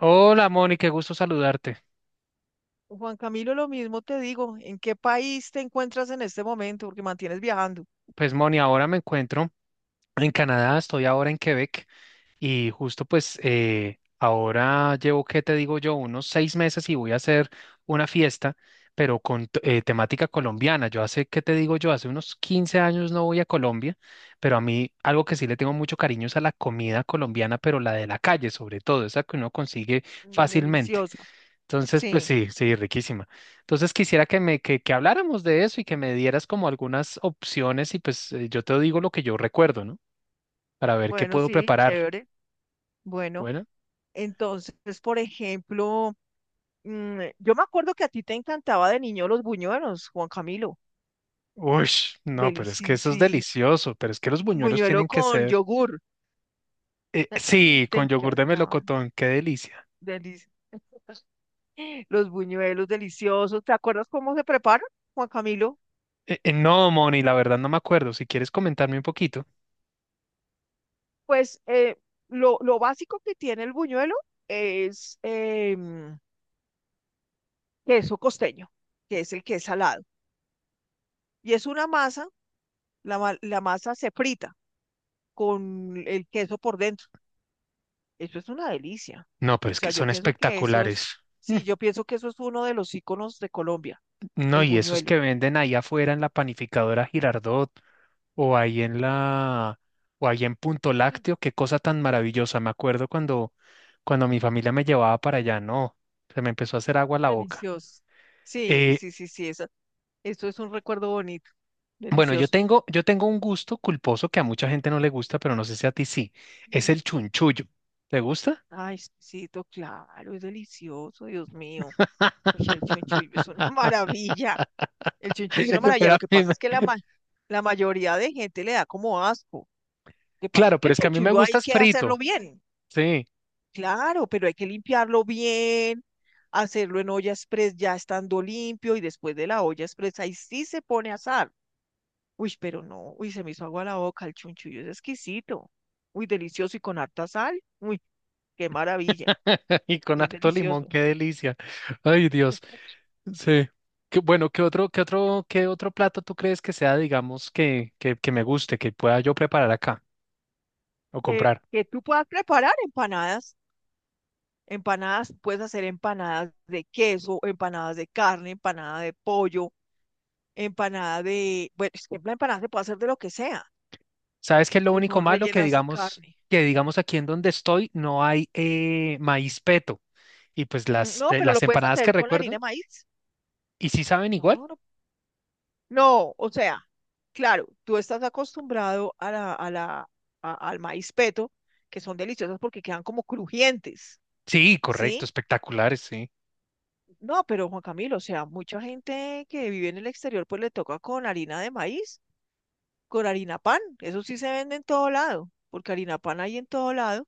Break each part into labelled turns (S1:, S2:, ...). S1: Hola Moni, qué gusto saludarte.
S2: Juan Camilo, lo mismo te digo, ¿en qué país te encuentras en este momento? Porque mantienes viajando.
S1: Pues Moni, ahora me encuentro en Canadá, estoy ahora en Quebec y justo pues ahora llevo, ¿qué te digo yo? Unos 6 meses y voy a hacer una fiesta, pero con temática colombiana. Yo hace, ¿qué te digo yo? Hace unos 15 años no voy a Colombia, pero a mí algo que sí le tengo mucho cariño es a la comida colombiana, pero la de la calle sobre todo, esa que uno consigue
S2: Mm,
S1: fácilmente.
S2: deliciosa.
S1: Entonces, pues
S2: Sí,
S1: sí, sí, riquísima. Entonces quisiera que habláramos de eso y que me dieras como algunas opciones y pues yo te digo lo que yo recuerdo, ¿no? Para ver qué
S2: bueno,
S1: puedo
S2: sí,
S1: preparar.
S2: chévere. Bueno,
S1: Bueno,
S2: entonces, por ejemplo, yo me acuerdo que a ti te encantaba de niño los buñuelos, Juan Camilo.
S1: uy, no, pero es que
S2: Delicioso,
S1: eso es
S2: sí.
S1: delicioso, pero es que los buñuelos
S2: Buñuelo
S1: tienen que
S2: con
S1: ser,
S2: yogur.
S1: sí,
S2: Te
S1: con yogur de
S2: encantaban.
S1: melocotón, qué delicia.
S2: Delicioso. Los buñuelos deliciosos. ¿Te acuerdas cómo se preparan, Juan Camilo?
S1: No, Moni, la verdad no me acuerdo. Si quieres comentarme un poquito.
S2: Pues lo básico que tiene el buñuelo es queso costeño, que es el que es salado. Y es una masa, la masa se frita con el queso por dentro. Eso es una delicia.
S1: No, pero
S2: O
S1: es que
S2: sea, yo
S1: son
S2: pienso que eso
S1: espectaculares.
S2: es,
S1: Mm,
S2: sí, yo pienso que eso es uno de los íconos de Colombia,
S1: no,
S2: el
S1: y esos
S2: buñuelo.
S1: que venden ahí afuera en la panificadora Girardot. o ahí en la, o ahí en Punto
S2: Mm,
S1: Lácteo, qué cosa tan maravillosa. Cuando mi familia me llevaba para allá, no, se me empezó a hacer agua la boca.
S2: delicioso. Sí,
S1: Eh,
S2: sí, sí, sí, eso es un recuerdo bonito,
S1: bueno,
S2: delicioso.
S1: yo tengo un gusto culposo que a mucha gente no le gusta, pero no sé si a ti sí. Es
S2: Mm.
S1: el chunchullo. ¿Te gusta?
S2: Ay, sí, to- claro, es delicioso, Dios mío. Oye, el chunchullo es una maravilla. El chunchullo es una maravilla.
S1: Pero
S2: Lo
S1: a
S2: que
S1: mí
S2: pasa
S1: me-
S2: es que la mayoría de gente le da como asco. Lo que pasa es
S1: Claro,
S2: que
S1: pero
S2: el
S1: es que a mí me
S2: chunchullo hay
S1: gusta es
S2: que hacerlo
S1: frito,
S2: bien.
S1: sí,
S2: Claro, pero hay que limpiarlo bien, hacerlo en olla express ya estando limpio y después de la olla express ahí sí se pone a asar. Uy, pero no, uy, se me hizo agua la boca. El chunchullo es exquisito. Uy, delicioso y con harta sal. Uy, qué maravilla.
S1: y con
S2: Es
S1: harto limón,
S2: delicioso.
S1: qué delicia. Ay, Dios. Sí. Qué, bueno, ¿qué otro plato tú crees que sea, digamos, que me guste, que pueda yo preparar acá o comprar?
S2: Que tú puedas preparar empanadas. Empanadas, puedes hacer empanadas de queso, empanadas de carne, empanada de pollo, empanada de... Bueno, es que la empanada se puede hacer de lo que sea,
S1: ¿Sabes qué es lo
S2: que
S1: único
S2: son
S1: malo?
S2: rellenas de carne.
S1: Que digamos aquí en donde estoy no hay maíz peto. Y pues
S2: Mm, no, pero
S1: las
S2: lo puedes
S1: empanadas que
S2: hacer con harina
S1: recuerdo,
S2: de maíz.
S1: ¿y sí saben igual?
S2: No, no. No, o sea, claro, tú estás acostumbrado a la, a la, a- al maíz peto, que son deliciosas porque quedan como crujientes,
S1: Sí, correcto,
S2: ¿sí?
S1: espectaculares, sí.
S2: No, pero Juan Camilo, o sea, mucha gente que vive en el exterior pues le toca con harina de maíz con harina pan. Eso sí se vende en todo lado, porque harina pan hay en todo lado.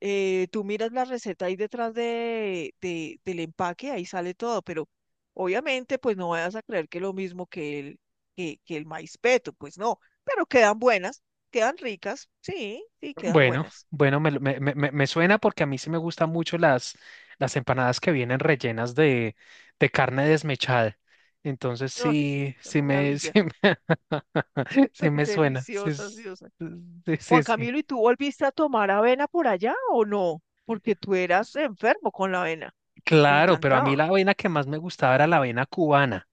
S2: Tú miras la receta ahí detrás de, del empaque, ahí sale todo, pero obviamente pues no vayas a creer que es lo mismo que que el maíz peto, pues no, pero quedan buenas, quedan ricas, sí, sí, quedan
S1: Bueno,
S2: buenas.
S1: bueno, me suena porque a mí sí me gustan mucho las empanadas que vienen rellenas de carne desmechada. Entonces
S2: Ay,
S1: sí,
S2: qué
S1: sí me, sí
S2: maravilla,
S1: me, sí me suena.
S2: deliciosas, Dios.
S1: Sí,
S2: Juan
S1: sí, sí.
S2: Camilo, ¿y tú volviste a tomar avena por allá o no? Porque tú eras enfermo con la avena, te
S1: Claro, pero a mí
S2: encantaba.
S1: la avena que más me gustaba era la avena cubana.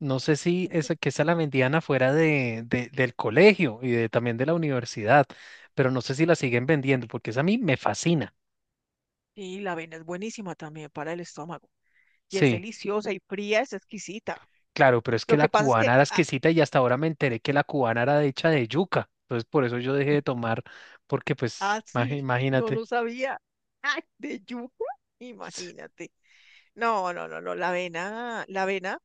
S1: No sé si esa, que esa la vendían afuera del colegio y también de la universidad, pero no sé si la siguen vendiendo porque esa a mí me fascina.
S2: Y la avena es buenísima también para el estómago. Y es
S1: Sí.
S2: deliciosa y fría, es exquisita.
S1: Claro, pero es que
S2: Lo que
S1: la
S2: pasa es que
S1: cubana era exquisita y hasta ahora me enteré que la cubana era hecha de yuca. Entonces por eso yo dejé de tomar, porque pues,
S2: así no
S1: imagínate.
S2: lo sabía. ¡Ay! De yuca, imagínate. No, no, no, no, la avena, la avena.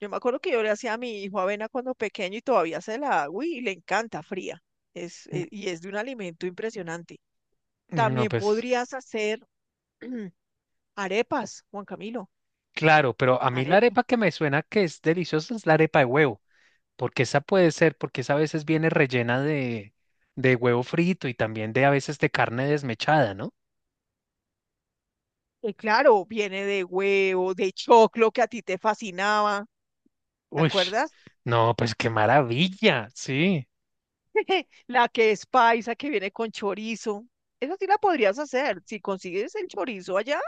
S2: Yo me acuerdo que yo le hacía a mi hijo avena cuando pequeño y todavía se la hago y le encanta fría. Es, y es de un alimento impresionante.
S1: Mm, no,
S2: También
S1: pues,
S2: podrías hacer arepas, Juan Camilo.
S1: claro, pero a mí la
S2: Arepas.
S1: arepa que me suena que es deliciosa es la arepa de huevo, porque esa puede ser, porque esa a veces viene rellena de huevo frito y también de a veces de carne desmechada, ¿no?
S2: Claro, viene de huevo, de choclo que a ti te fascinaba, ¿te
S1: Uy,
S2: acuerdas?
S1: no, pues qué maravilla, sí.
S2: La que es paisa, que viene con chorizo. Esa sí la podrías hacer. Si consigues el chorizo allá,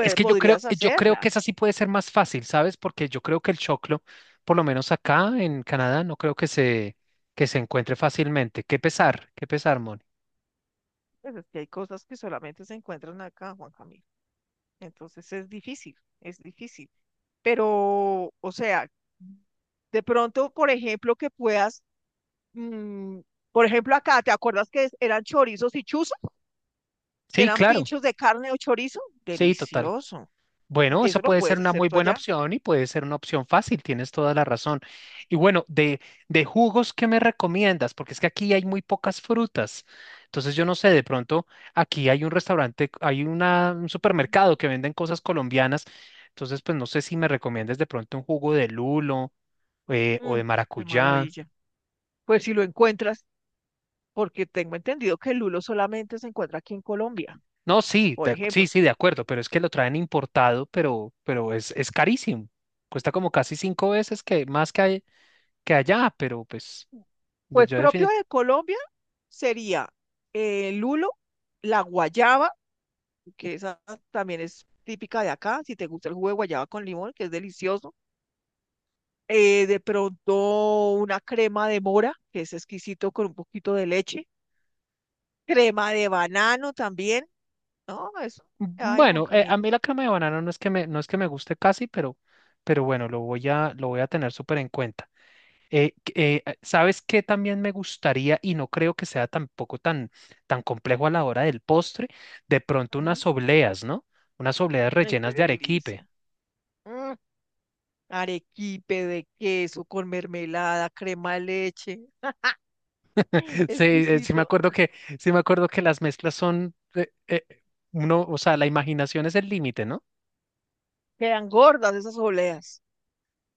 S1: Es que
S2: podrías
S1: yo creo
S2: hacerla.
S1: que esa sí puede ser más fácil, ¿sabes? Porque yo creo que el choclo, por lo menos acá en Canadá, no creo que se encuentre fácilmente. Qué pesar, Moni.
S2: Pues es que hay cosas que solamente se encuentran acá, Juan Camilo. Entonces es difícil, es difícil. Pero, o sea, de pronto, por ejemplo, que puedas, mm, por ejemplo, acá, ¿te acuerdas que eran chorizos y chuzas? Que
S1: Sí,
S2: eran
S1: claro,
S2: pinchos de carne o chorizo.
S1: sí, total.
S2: Delicioso.
S1: Bueno, eso
S2: Eso lo
S1: puede ser
S2: puedes
S1: una
S2: hacer
S1: muy
S2: tú
S1: buena
S2: allá.
S1: opción y puede ser una opción fácil, tienes toda la razón. Y bueno, de jugos, ¿qué me recomiendas? Porque es que aquí hay muy pocas frutas. Entonces yo no sé, de pronto aquí hay un restaurante, hay un supermercado que venden cosas colombianas. Entonces, pues no sé si me recomiendas de pronto un jugo de lulo o
S2: Mm,
S1: de
S2: qué
S1: maracuyá.
S2: maravilla. Pues si lo encuentras, porque tengo entendido que el lulo solamente se encuentra aquí en Colombia,
S1: No, sí,
S2: por
S1: de- Sí,
S2: ejemplo.
S1: sí, de acuerdo, pero es que lo traen importado, pero es carísimo. Cuesta como casi 5 veces que más que, que allá, pero pues... De
S2: Pues
S1: yo
S2: propio
S1: definit-
S2: de Colombia sería el lulo, la guayaba, que esa también es típica de acá, si te gusta el jugo de guayaba con limón, que es delicioso. De pronto una crema de mora, que es exquisito con un poquito de leche. Crema de banano también, no, eso. Ay, Juan
S1: Bueno, a
S2: Camilo.
S1: mí la crema de banano no es que me, no es que me guste casi, pero bueno, lo voy a tener súper en cuenta. ¿Sabes qué también me gustaría y no creo que sea tampoco tan, tan complejo a la hora del postre? De pronto
S2: Ujú.
S1: unas obleas, ¿no? Unas obleas
S2: Ay, qué
S1: rellenas de arequipe.
S2: delicia. Mm, arequipe de queso con mermelada, crema de leche.
S1: Sí me
S2: Exquisito.
S1: acuerdo que, sí me acuerdo que las mezclas son, uno, o sea, la imaginación es el límite, ¿no?
S2: Quedan gordas esas oleas.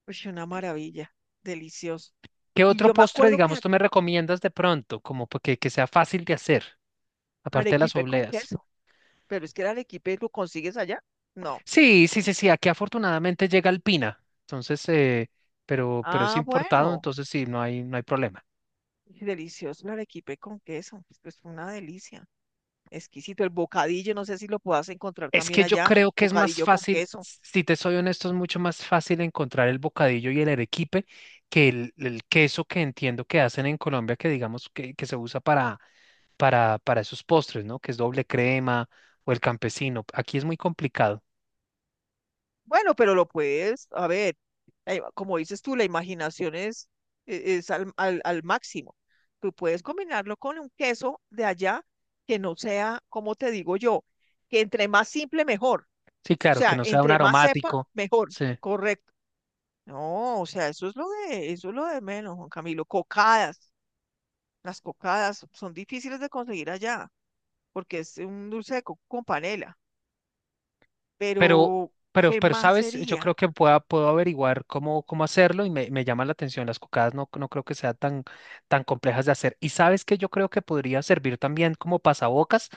S2: Uy, una maravilla. Delicioso.
S1: ¿Qué
S2: Y
S1: otro
S2: yo me
S1: postre,
S2: acuerdo
S1: digamos,
S2: que
S1: tú me recomiendas de pronto, como porque que sea fácil de hacer? Aparte de las
S2: arequipe con
S1: obleas.
S2: queso, pero es que el arequipe lo consigues allá. No.
S1: Sí, sí, sí, sí, aquí afortunadamente llega alpina, entonces, pero es
S2: Ah,
S1: importado,
S2: bueno.
S1: entonces sí, no hay problema.
S2: Y delicioso el arequipe con queso. Es que es una delicia. Exquisito. El bocadillo, no sé si lo puedas encontrar
S1: Es
S2: también
S1: que yo
S2: allá.
S1: creo que es más
S2: Bocadillo con
S1: fácil,
S2: queso.
S1: si te soy honesto, es mucho más fácil encontrar el bocadillo y el arequipe que el queso que entiendo que hacen en Colombia, que se usa para, para esos postres, ¿no? Que es doble crema o el campesino. Aquí es muy complicado.
S2: Bueno, pero lo puedes, a ver, como dices tú, la imaginación es, e- es al, al máximo. Tú puedes combinarlo con un queso de allá que no sea, como te digo yo, que entre más simple, mejor.
S1: Sí,
S2: O
S1: claro, que
S2: sea,
S1: no sea un
S2: entre más sepa,
S1: aromático.
S2: mejor.
S1: Sí.
S2: Correcto. No, o sea, eso es lo de menos, Juan Camilo. Cocadas. Las cocadas son difíciles de conseguir allá, porque es un dulce de coco con panela.
S1: Pero,
S2: Pero, ¿qué
S1: pero,
S2: más
S1: ¿sabes? Yo creo
S2: sería?
S1: que puedo averiguar cómo, cómo hacerlo y me llama la atención. Las cocadas no, no creo que sean tan, tan complejas de hacer. Y sabes que yo creo que podría servir también como pasabocas,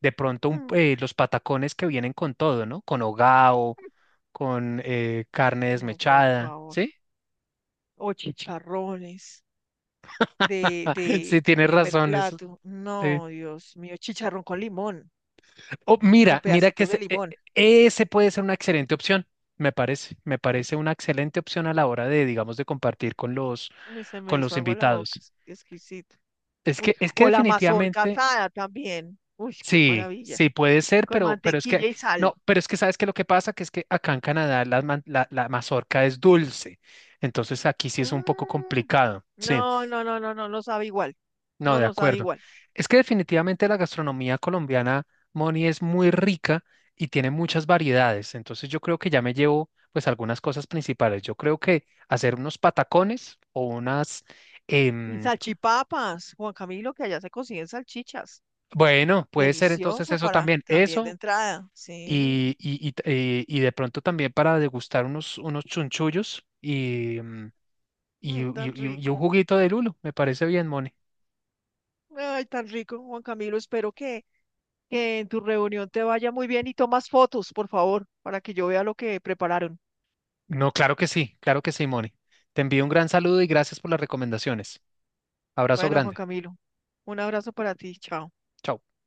S1: de pronto
S2: Mm,
S1: los patacones que vienen con todo, ¿no? Con hogao, con carne
S2: no, por
S1: desmechada,
S2: favor.
S1: ¿sí?
S2: O chicharrones
S1: Sí,
S2: de
S1: tienes
S2: primer
S1: razón, eso.
S2: plato.
S1: Sí.
S2: No, Dios mío, chicharrón con limón,
S1: Oh,
S2: con
S1: mira, mira que
S2: pedacitos de limón.
S1: ese puede ser una excelente opción, me parece. Me
S2: Sí.
S1: parece una excelente opción a la hora de, digamos, de compartir
S2: Y se me
S1: con los
S2: hizo agua la boca,
S1: invitados.
S2: es exquisito. Uy,
S1: Es que
S2: o la mazorca
S1: definitivamente,
S2: asada también. Uy, qué
S1: sí,
S2: maravilla.
S1: sí puede ser,
S2: Con
S1: pero es
S2: mantequilla
S1: que,
S2: y
S1: no,
S2: sal.
S1: pero es que sabes que lo que pasa, que es que acá en Canadá la, la mazorca es dulce, entonces aquí sí es un poco
S2: Mm,
S1: complicado, sí,
S2: no, no, no, no, no, no sabe igual.
S1: no,
S2: No,
S1: de
S2: no sabe
S1: acuerdo.
S2: igual.
S1: Es que definitivamente la gastronomía colombiana, Moni, es muy rica y tiene muchas variedades, entonces yo creo que ya me llevo pues algunas cosas principales. Yo creo que hacer unos patacones o unas...
S2: Y
S1: em,
S2: salchipapas, Juan Camilo, que allá se consiguen salchichas.
S1: bueno, puede ser entonces
S2: Delicioso
S1: eso
S2: para
S1: también,
S2: también de
S1: eso
S2: entrada. Sí,
S1: y de pronto también para degustar unos, unos chunchullos y, mm,
S2: mm, tan
S1: y un
S2: rico.
S1: juguito de lulo. Me parece bien, Moni.
S2: Ay, tan rico, Juan Camilo. Espero que en tu reunión te vaya muy bien y tomas fotos, por favor, para que yo vea lo que prepararon.
S1: No, claro que sí, Moni. Te envío un gran saludo y gracias por las recomendaciones. Abrazo
S2: Bueno, Juan
S1: grande.
S2: Camilo, un abrazo para ti. Chao.
S1: Chao.